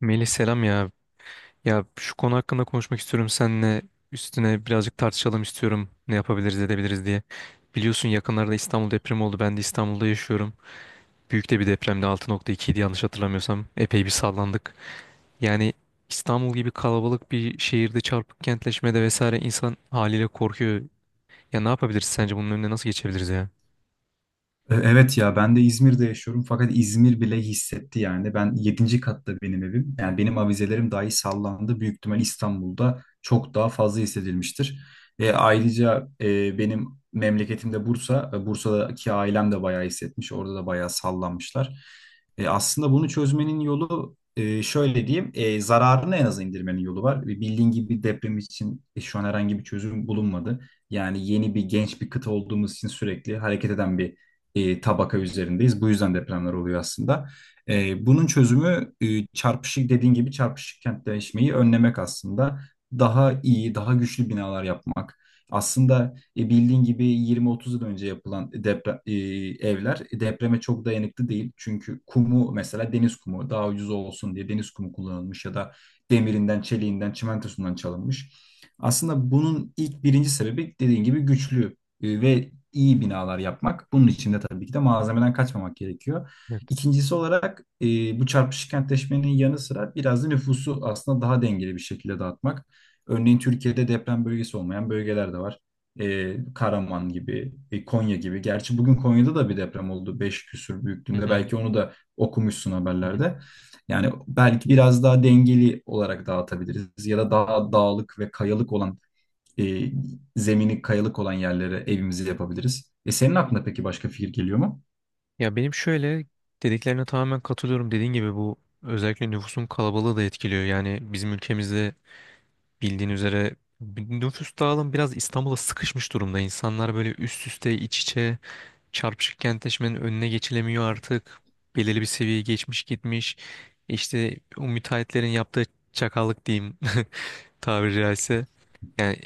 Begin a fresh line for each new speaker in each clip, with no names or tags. Melih selam ya. Ya şu konu hakkında konuşmak istiyorum seninle. Üstüne birazcık tartışalım istiyorum. Ne yapabiliriz edebiliriz diye. Biliyorsun yakınlarda İstanbul depremi oldu. Ben de İstanbul'da yaşıyorum. Büyük de bir depremdi. Altı nokta ikiydi yanlış hatırlamıyorsam. Epey bir sallandık. Yani İstanbul gibi kalabalık bir şehirde çarpık kentleşmede vesaire insan haliyle korkuyor. Ya ne yapabiliriz sence bunun önüne nasıl geçebiliriz ya?
Evet ya ben de İzmir'de yaşıyorum fakat İzmir bile hissetti yani. Ben yedinci katta benim evim. Yani benim avizelerim dahi sallandı. Büyük ihtimal İstanbul'da çok daha fazla hissedilmiştir. Ayrıca benim memleketimde Bursa. Bursa'daki ailem de bayağı hissetmiş. Orada da bayağı sallanmışlar. Aslında bunu çözmenin yolu şöyle diyeyim. Zararını en aza indirmenin yolu var. Bildiğin gibi deprem için şu an herhangi bir çözüm bulunmadı. Yani yeni bir genç bir kıta olduğumuz için sürekli hareket eden bir tabaka üzerindeyiz. Bu yüzden depremler oluyor aslında. Bunun çözümü çarpışık dediğin gibi çarpışık kentleşmeyi önlemek aslında. Daha iyi, daha güçlü binalar yapmak. Aslında bildiğin gibi 20-30 yıl önce yapılan evler depreme çok dayanıklı değil. Çünkü kumu mesela deniz kumu daha ucuz olsun diye deniz kumu kullanılmış ya da demirinden, çeliğinden, çimentosundan çalınmış. Aslında bunun ilk birinci sebebi dediğin gibi güçlü ve iyi binalar yapmak. Bunun için de tabii ki de malzemeden kaçmamak gerekiyor.
Evet.
İkincisi olarak bu çarpışık kentleşmenin yanı sıra biraz da nüfusu aslında daha dengeli bir şekilde dağıtmak. Örneğin Türkiye'de deprem bölgesi olmayan bölgeler de var. Karaman gibi, Konya gibi. Gerçi bugün Konya'da da bir deprem oldu. 5 küsur
Hı
büyüklüğünde.
hı.
Belki onu da okumuşsun
Hı hı.
haberlerde. Yani belki biraz daha dengeli olarak dağıtabiliriz ya da daha dağlık ve kayalık olan e, zemini kayalık olan yerlere evimizi yapabiliriz. Senin aklına peki başka fikir geliyor mu?
Ya benim şöyle dediklerine tamamen katılıyorum. Dediğin gibi bu özellikle nüfusun kalabalığı da etkiliyor. Yani bizim ülkemizde bildiğin üzere nüfus dağılım biraz İstanbul'a sıkışmış durumda. İnsanlar böyle üst üste iç içe, çarpışık kentleşmenin önüne geçilemiyor artık. Belirli bir seviyeye geçmiş gitmiş. İşte o müteahhitlerin yaptığı çakallık diyeyim tabiri caizse. Yani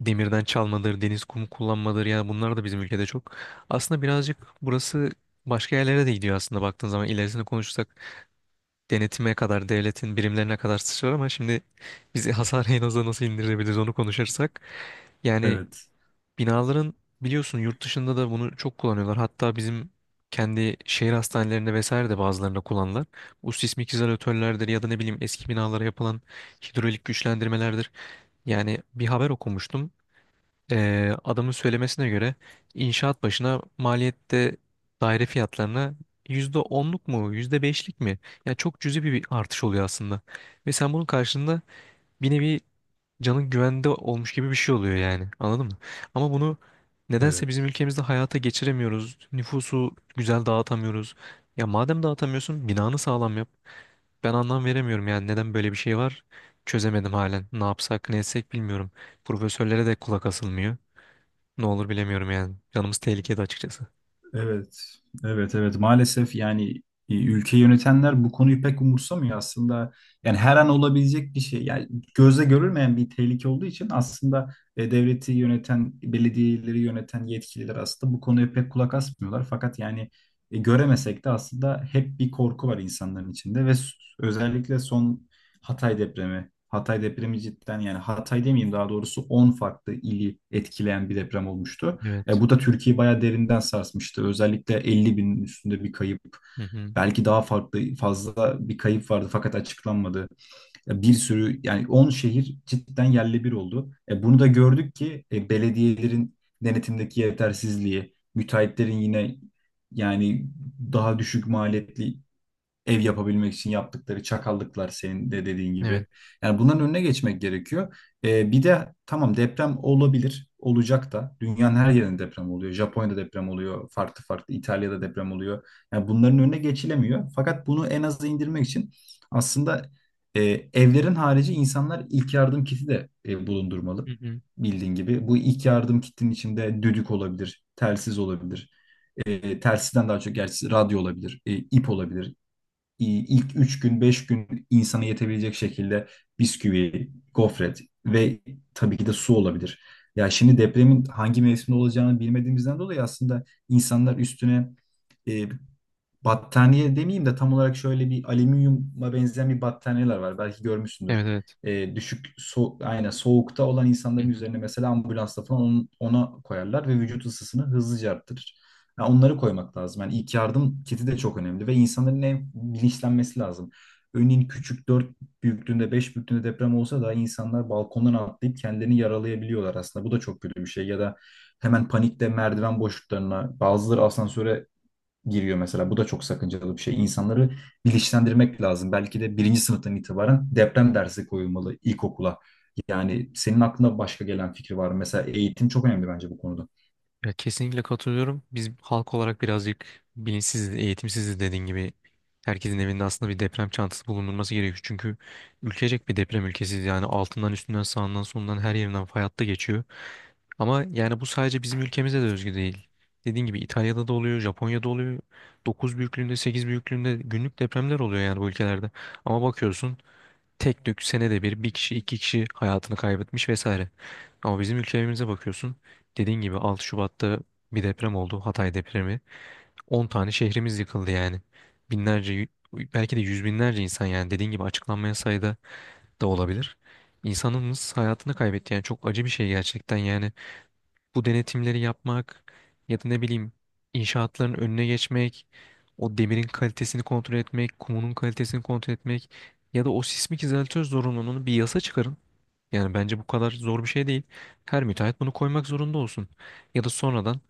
demirden çalmadır, deniz kumu kullanmadır. Yani bunlar da bizim ülkede çok. Aslında birazcık burası başka yerlere de gidiyor aslında baktığın zaman. İlerisini konuşursak denetime kadar, devletin birimlerine kadar sıçrar ama şimdi bizi Hasane'yi nasıl indirebiliriz onu konuşursak. Yani
Evet.
binaların biliyorsun yurt dışında da bunu çok kullanıyorlar. Hatta bizim kendi şehir hastanelerinde vesaire de bazılarında kullanırlar. Bu sismik izolatörlerdir ya da ne bileyim eski binalara yapılan hidrolik güçlendirmelerdir. Yani bir haber okumuştum. Adamın söylemesine göre inşaat başına maliyette daire fiyatlarına %10'luk mu yüzde beşlik mi? Yani çok cüzi bir artış oluyor aslında. Ve sen bunun karşılığında bir nevi canın güvende olmuş gibi bir şey oluyor yani. Anladın mı? Ama bunu nedense bizim
Evet.
ülkemizde hayata geçiremiyoruz. Nüfusu güzel dağıtamıyoruz. Ya madem dağıtamıyorsun binanı sağlam yap. Ben anlam veremiyorum yani neden böyle bir şey var. Çözemedim halen. Ne yapsak ne etsek bilmiyorum. Profesörlere de kulak asılmıyor. Ne olur bilemiyorum yani. Canımız tehlikede açıkçası.
Evet, evet, evet. Maalesef yani ülke yönetenler bu konuyu pek umursamıyor aslında. Yani her an olabilecek bir şey. Yani gözle görülmeyen bir tehlike olduğu için aslında devleti yöneten, belediyeleri yöneten yetkililer aslında bu konuya pek kulak asmıyorlar. Fakat yani göremesek de aslında hep bir korku var insanların içinde ve özellikle son Hatay depremi. Hatay depremi cidden yani Hatay demeyeyim daha doğrusu 10 farklı ili etkileyen bir deprem olmuştu. E,
Evet.
bu da Türkiye'yi bayağı derinden sarsmıştı. Özellikle 50 binin üstünde bir kayıp.
Hı hı.
Belki daha farklı fazla bir kayıp vardı fakat açıklanmadı. Bir sürü yani 10 şehir cidden yerle bir oldu. Bunu da gördük ki belediyelerin denetimdeki yetersizliği, müteahhitlerin yine yani daha düşük maliyetli ev yapabilmek için yaptıkları çakallıklar senin de dediğin
Evet.
gibi. Yani bunların önüne geçmek gerekiyor. Bir de tamam deprem olabilir, olacak da. Dünyanın her yerinde deprem oluyor. Japonya'da deprem oluyor, farklı farklı İtalya'da deprem oluyor. Yani bunların önüne geçilemiyor. Fakat bunu en aza indirmek için aslında e, evlerin harici insanlar ilk yardım kiti de
Hı
bulundurmalı.
hı.
Bildiğin gibi bu ilk yardım kitinin içinde düdük olabilir, telsiz olabilir, telsizden daha çok gerçi radyo olabilir, ip olabilir, ilk 3 gün 5 gün insana yetebilecek şekilde bisküvi, gofret ve tabii ki de su olabilir. Ya şimdi depremin hangi mevsimde olacağını bilmediğimizden dolayı aslında insanlar üstüne e, battaniye demeyeyim de tam olarak şöyle bir alüminyuma benzeyen bir battaniyeler var. Belki görmüşsündür.
Evet, evet.
Düşük so aynen soğukta olan
Hı
insanların
hı.
üzerine mesela ambulansta falan ona koyarlar ve vücut ısısını hızlıca arttırır. Yani onları koymak lazım. Yani ilk yardım kiti de çok önemli ve insanların en bilinçlenmesi lazım. Örneğin küçük 4 büyüklüğünde 5 büyüklüğünde deprem olsa da insanlar balkondan atlayıp kendilerini yaralayabiliyorlar aslında. Bu da çok kötü bir şey. Ya da hemen panikte merdiven boşluklarına bazıları asansöre giriyor mesela. Bu da çok sakıncalı bir şey. İnsanları bilinçlendirmek lazım. Belki de birinci sınıftan itibaren deprem dersi koyulmalı ilkokula. Yani senin aklına başka gelen fikri var mı? Mesela eğitim çok önemli bence bu konuda.
Ya kesinlikle katılıyorum. Biz halk olarak birazcık bilinçsiziz, eğitimsiziz dediğin gibi. Herkesin evinde aslında bir deprem çantası bulundurması gerekiyor. Çünkü ülkecek bir deprem ülkesiyiz. Yani altından, üstünden, sağından, solundan her yerinden fay hattı geçiyor. Ama yani bu sadece bizim ülkemize de özgü değil. Dediğin gibi İtalya'da da oluyor, Japonya'da oluyor. 9 büyüklüğünde, 8 büyüklüğünde günlük depremler oluyor yani bu ülkelerde. Ama bakıyorsun tek tük senede bir bir kişi iki kişi hayatını kaybetmiş vesaire. Ama bizim ülkemize bakıyorsun. Dediğin gibi 6 Şubat'ta bir deprem oldu. Hatay depremi. 10 tane şehrimiz yıkıldı yani. Binlerce y- belki de yüz binlerce insan yani dediğin gibi açıklanmayan sayıda da olabilir. İnsanımız hayatını kaybetti yani çok acı bir şey gerçekten. Yani bu denetimleri yapmak ya da ne bileyim inşaatların önüne geçmek, o demirin kalitesini kontrol etmek, kumunun kalitesini kontrol etmek ya da o sismik izolatör zorunluluğunu bir yasa çıkarın. Yani bence bu kadar zor bir şey değil. Her müteahhit bunu koymak zorunda olsun. Ya da sonradan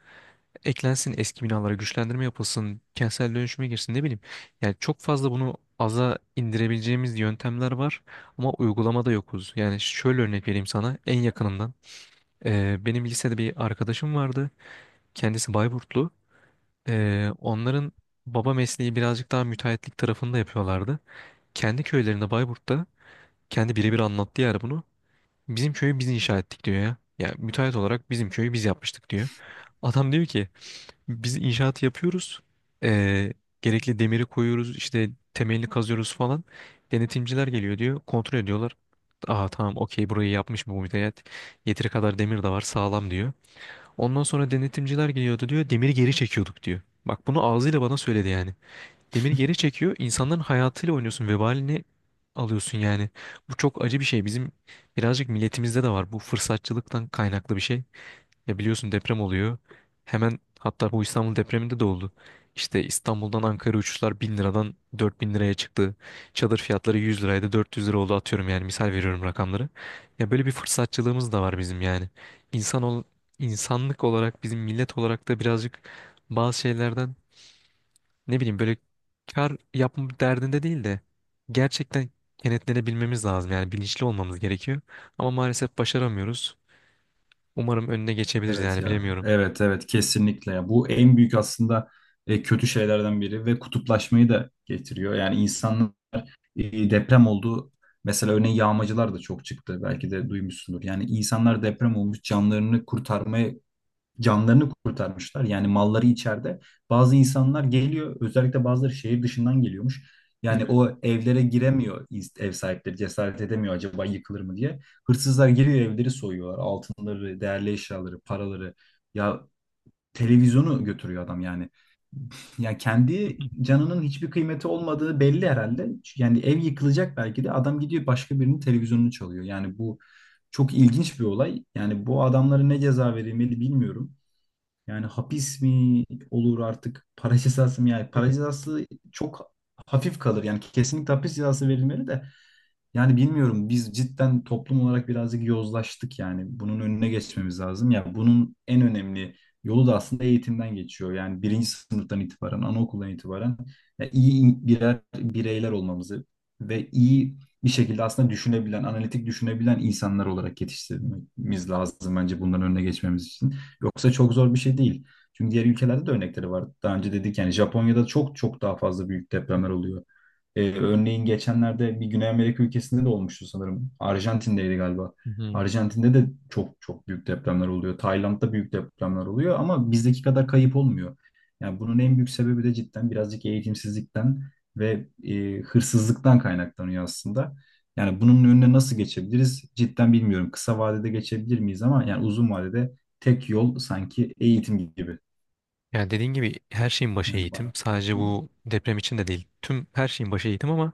eklensin, eski binalara güçlendirme yapılsın, kentsel dönüşüme girsin ne bileyim. Yani çok fazla bunu aza indirebileceğimiz yöntemler var ama uygulamada yokuz. Yani şöyle örnek vereyim sana en yakınından. Benim lisede bir arkadaşım vardı. Kendisi Bayburtlu. Onların baba mesleği birazcık daha müteahhitlik tarafında yapıyorlardı. Kendi köylerinde Bayburt'ta kendi birebir anlattı yani bunu. Bizim köyü biz inşa ettik diyor ya. Yani müteahhit olarak bizim köyü biz yapmıştık diyor. Adam diyor ki biz inşaatı yapıyoruz. Ee, gerekli demiri koyuyoruz işte temelini kazıyoruz falan. Denetimciler geliyor diyor kontrol ediyorlar. Aa tamam okey burayı yapmış mı bu müteahhit. Yeteri kadar demir de var sağlam diyor. Ondan sonra denetimciler geliyordu diyor. Demiri geri çekiyorduk diyor. Bak bunu ağzıyla bana söyledi yani. Demiri geri çekiyor, insanların hayatıyla oynuyorsun. Vebalini alıyorsun yani. Bu çok acı bir şey. Bizim birazcık milletimizde de var. Bu fırsatçılıktan kaynaklı bir şey. Ya biliyorsun deprem oluyor. Hemen hatta bu İstanbul depreminde de oldu. İşte İstanbul'dan Ankara uçuşlar 1000 liradan 4000 liraya çıktı. Çadır fiyatları 100 liraydı 400 lira oldu atıyorum yani misal veriyorum rakamları. Ya böyle bir fırsatçılığımız da var bizim yani. İnsan ol, insanlık olarak bizim millet olarak da birazcık bazı şeylerden ne bileyim böyle kar yapma derdinde değil de gerçekten kenetlenebilmemiz lazım yani bilinçli olmamız gerekiyor. Ama maalesef başaramıyoruz. Umarım önüne geçebiliriz
Evet
yani
ya.
bilemiyorum.
Evet evet kesinlikle ya. Bu en büyük aslında kötü şeylerden biri ve kutuplaşmayı da getiriyor. Yani insanın deprem olduğu mesela örneğin yağmacılar da çok çıktı. Belki de duymuşsundur. Yani insanlar deprem olmuş canlarını kurtarmışlar. Yani malları içeride. Bazı insanlar geliyor, özellikle bazıları şehir dışından geliyormuş. Yani o evlere giremiyor ev sahipleri, cesaret edemiyor acaba yıkılır mı diye. Hırsızlar giriyor evleri soyuyorlar. Altınları, değerli eşyaları, paraları. Ya televizyonu götürüyor adam yani. Ya kendi canının hiçbir kıymeti olmadığı belli herhalde. Yani ev yıkılacak belki de adam gidiyor başka birinin televizyonunu çalıyor. Yani bu çok ilginç bir olay. Yani bu adamlara ne ceza verilmeli bilmiyorum. Yani hapis mi olur artık para cezası mı? Yani para cezası çok hafif kalır. Yani kesinlikle hapis cezası verilmeli de. Yani bilmiyorum biz cidden toplum olarak birazcık yozlaştık yani. Bunun önüne geçmemiz lazım. Ya bunun en önemli yolu da aslında eğitimden geçiyor. Yani birinci sınıftan itibaren, anaokuldan itibaren ya iyi birer bireyler olmamızı ve iyi bir şekilde aslında düşünebilen, analitik düşünebilen insanlar olarak yetiştirmemiz lazım bence bunların önüne geçmemiz için. Yoksa çok zor bir şey değil. Çünkü diğer ülkelerde de örnekleri var. Daha önce dedik yani Japonya'da çok çok daha fazla büyük depremler oluyor. Örneğin geçenlerde bir Güney Amerika ülkesinde de olmuştu sanırım. Arjantin'deydi galiba.
Hı hı.
Arjantin'de de çok çok büyük depremler oluyor. Tayland'da büyük depremler oluyor ama bizdeki kadar kayıp olmuyor. Yani bunun en büyük sebebi de cidden birazcık eğitimsizlikten ve hırsızlıktan kaynaklanıyor aslında. Yani bunun önüne nasıl geçebiliriz? Cidden bilmiyorum. Kısa vadede geçebilir miyiz ama yani uzun vadede tek yol sanki eğitim gibi.
Yani dediğin gibi her şeyin başı
Yani
eğitim.
bana.
Sadece
Hı hı.
bu deprem için de değil. Tüm her şeyin başı eğitim ama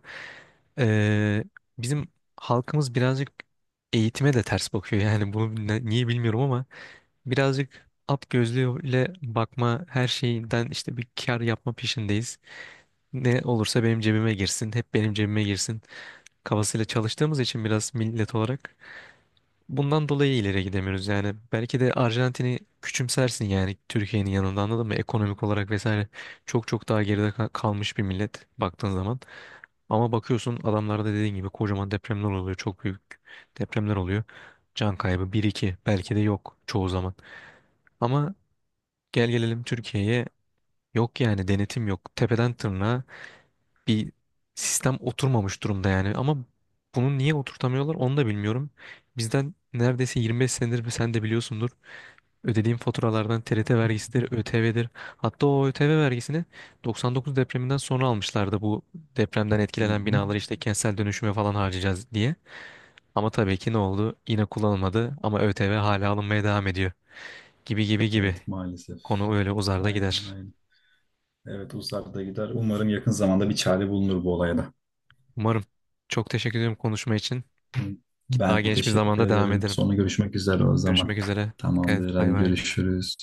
eee, bizim halkımız birazcık eğitime de ters bakıyor. Yani bunu niye bilmiyorum ama birazcık at gözlüğüyle bakma, her şeyden işte bir kar yapma peşindeyiz. Ne olursa benim cebime girsin, hep benim cebime girsin kafasıyla çalıştığımız için biraz millet olarak bundan dolayı ileri gidemiyoruz yani. Belki de Arjantin'i küçümsersin yani Türkiye'nin yanında anladın mı? Ekonomik olarak vesaire çok çok daha geride kalmış bir millet baktığın zaman. Ama bakıyorsun adamlarda dediğin gibi kocaman depremler oluyor. Çok büyük depremler oluyor. Can kaybı bir iki belki de yok çoğu zaman. Ama gel gelelim Türkiye'ye, yok yani denetim yok. Tepeden tırnağa bir sistem oturmamış durumda yani. Ama bunu niye oturtamıyorlar onu da bilmiyorum. Bizden neredeyse 25 senedir sen de biliyorsundur. Ödediğim faturalardan TRT vergisidir, ÖTV'dir. Hatta o ÖTV vergisini 99 depreminden sonra almışlardı, bu depremden
Hı
etkilenen
hı.
binaları işte kentsel dönüşüme falan harcayacağız diye. Ama tabii ki ne oldu? Yine kullanılmadı ama ÖTV hala alınmaya devam ediyor. Gibi gibi gibi.
Evet maalesef.
Konu öyle uzar da
Aynen
gider.
aynen. Evet uzakta gider. Umarım yakın zamanda bir çare bulunur bu olaya da.
Umarım. Çok teşekkür ederim konuşma için.
Hı.
Daha
Ben
geniş bir
teşekkür
zamanda devam
ederim.
ederim.
Sonra görüşmek üzere o zaman.
Görüşmek üzere. Dikkat et.
Tamamdır.
Bay
Hadi
bay.
görüşürüz.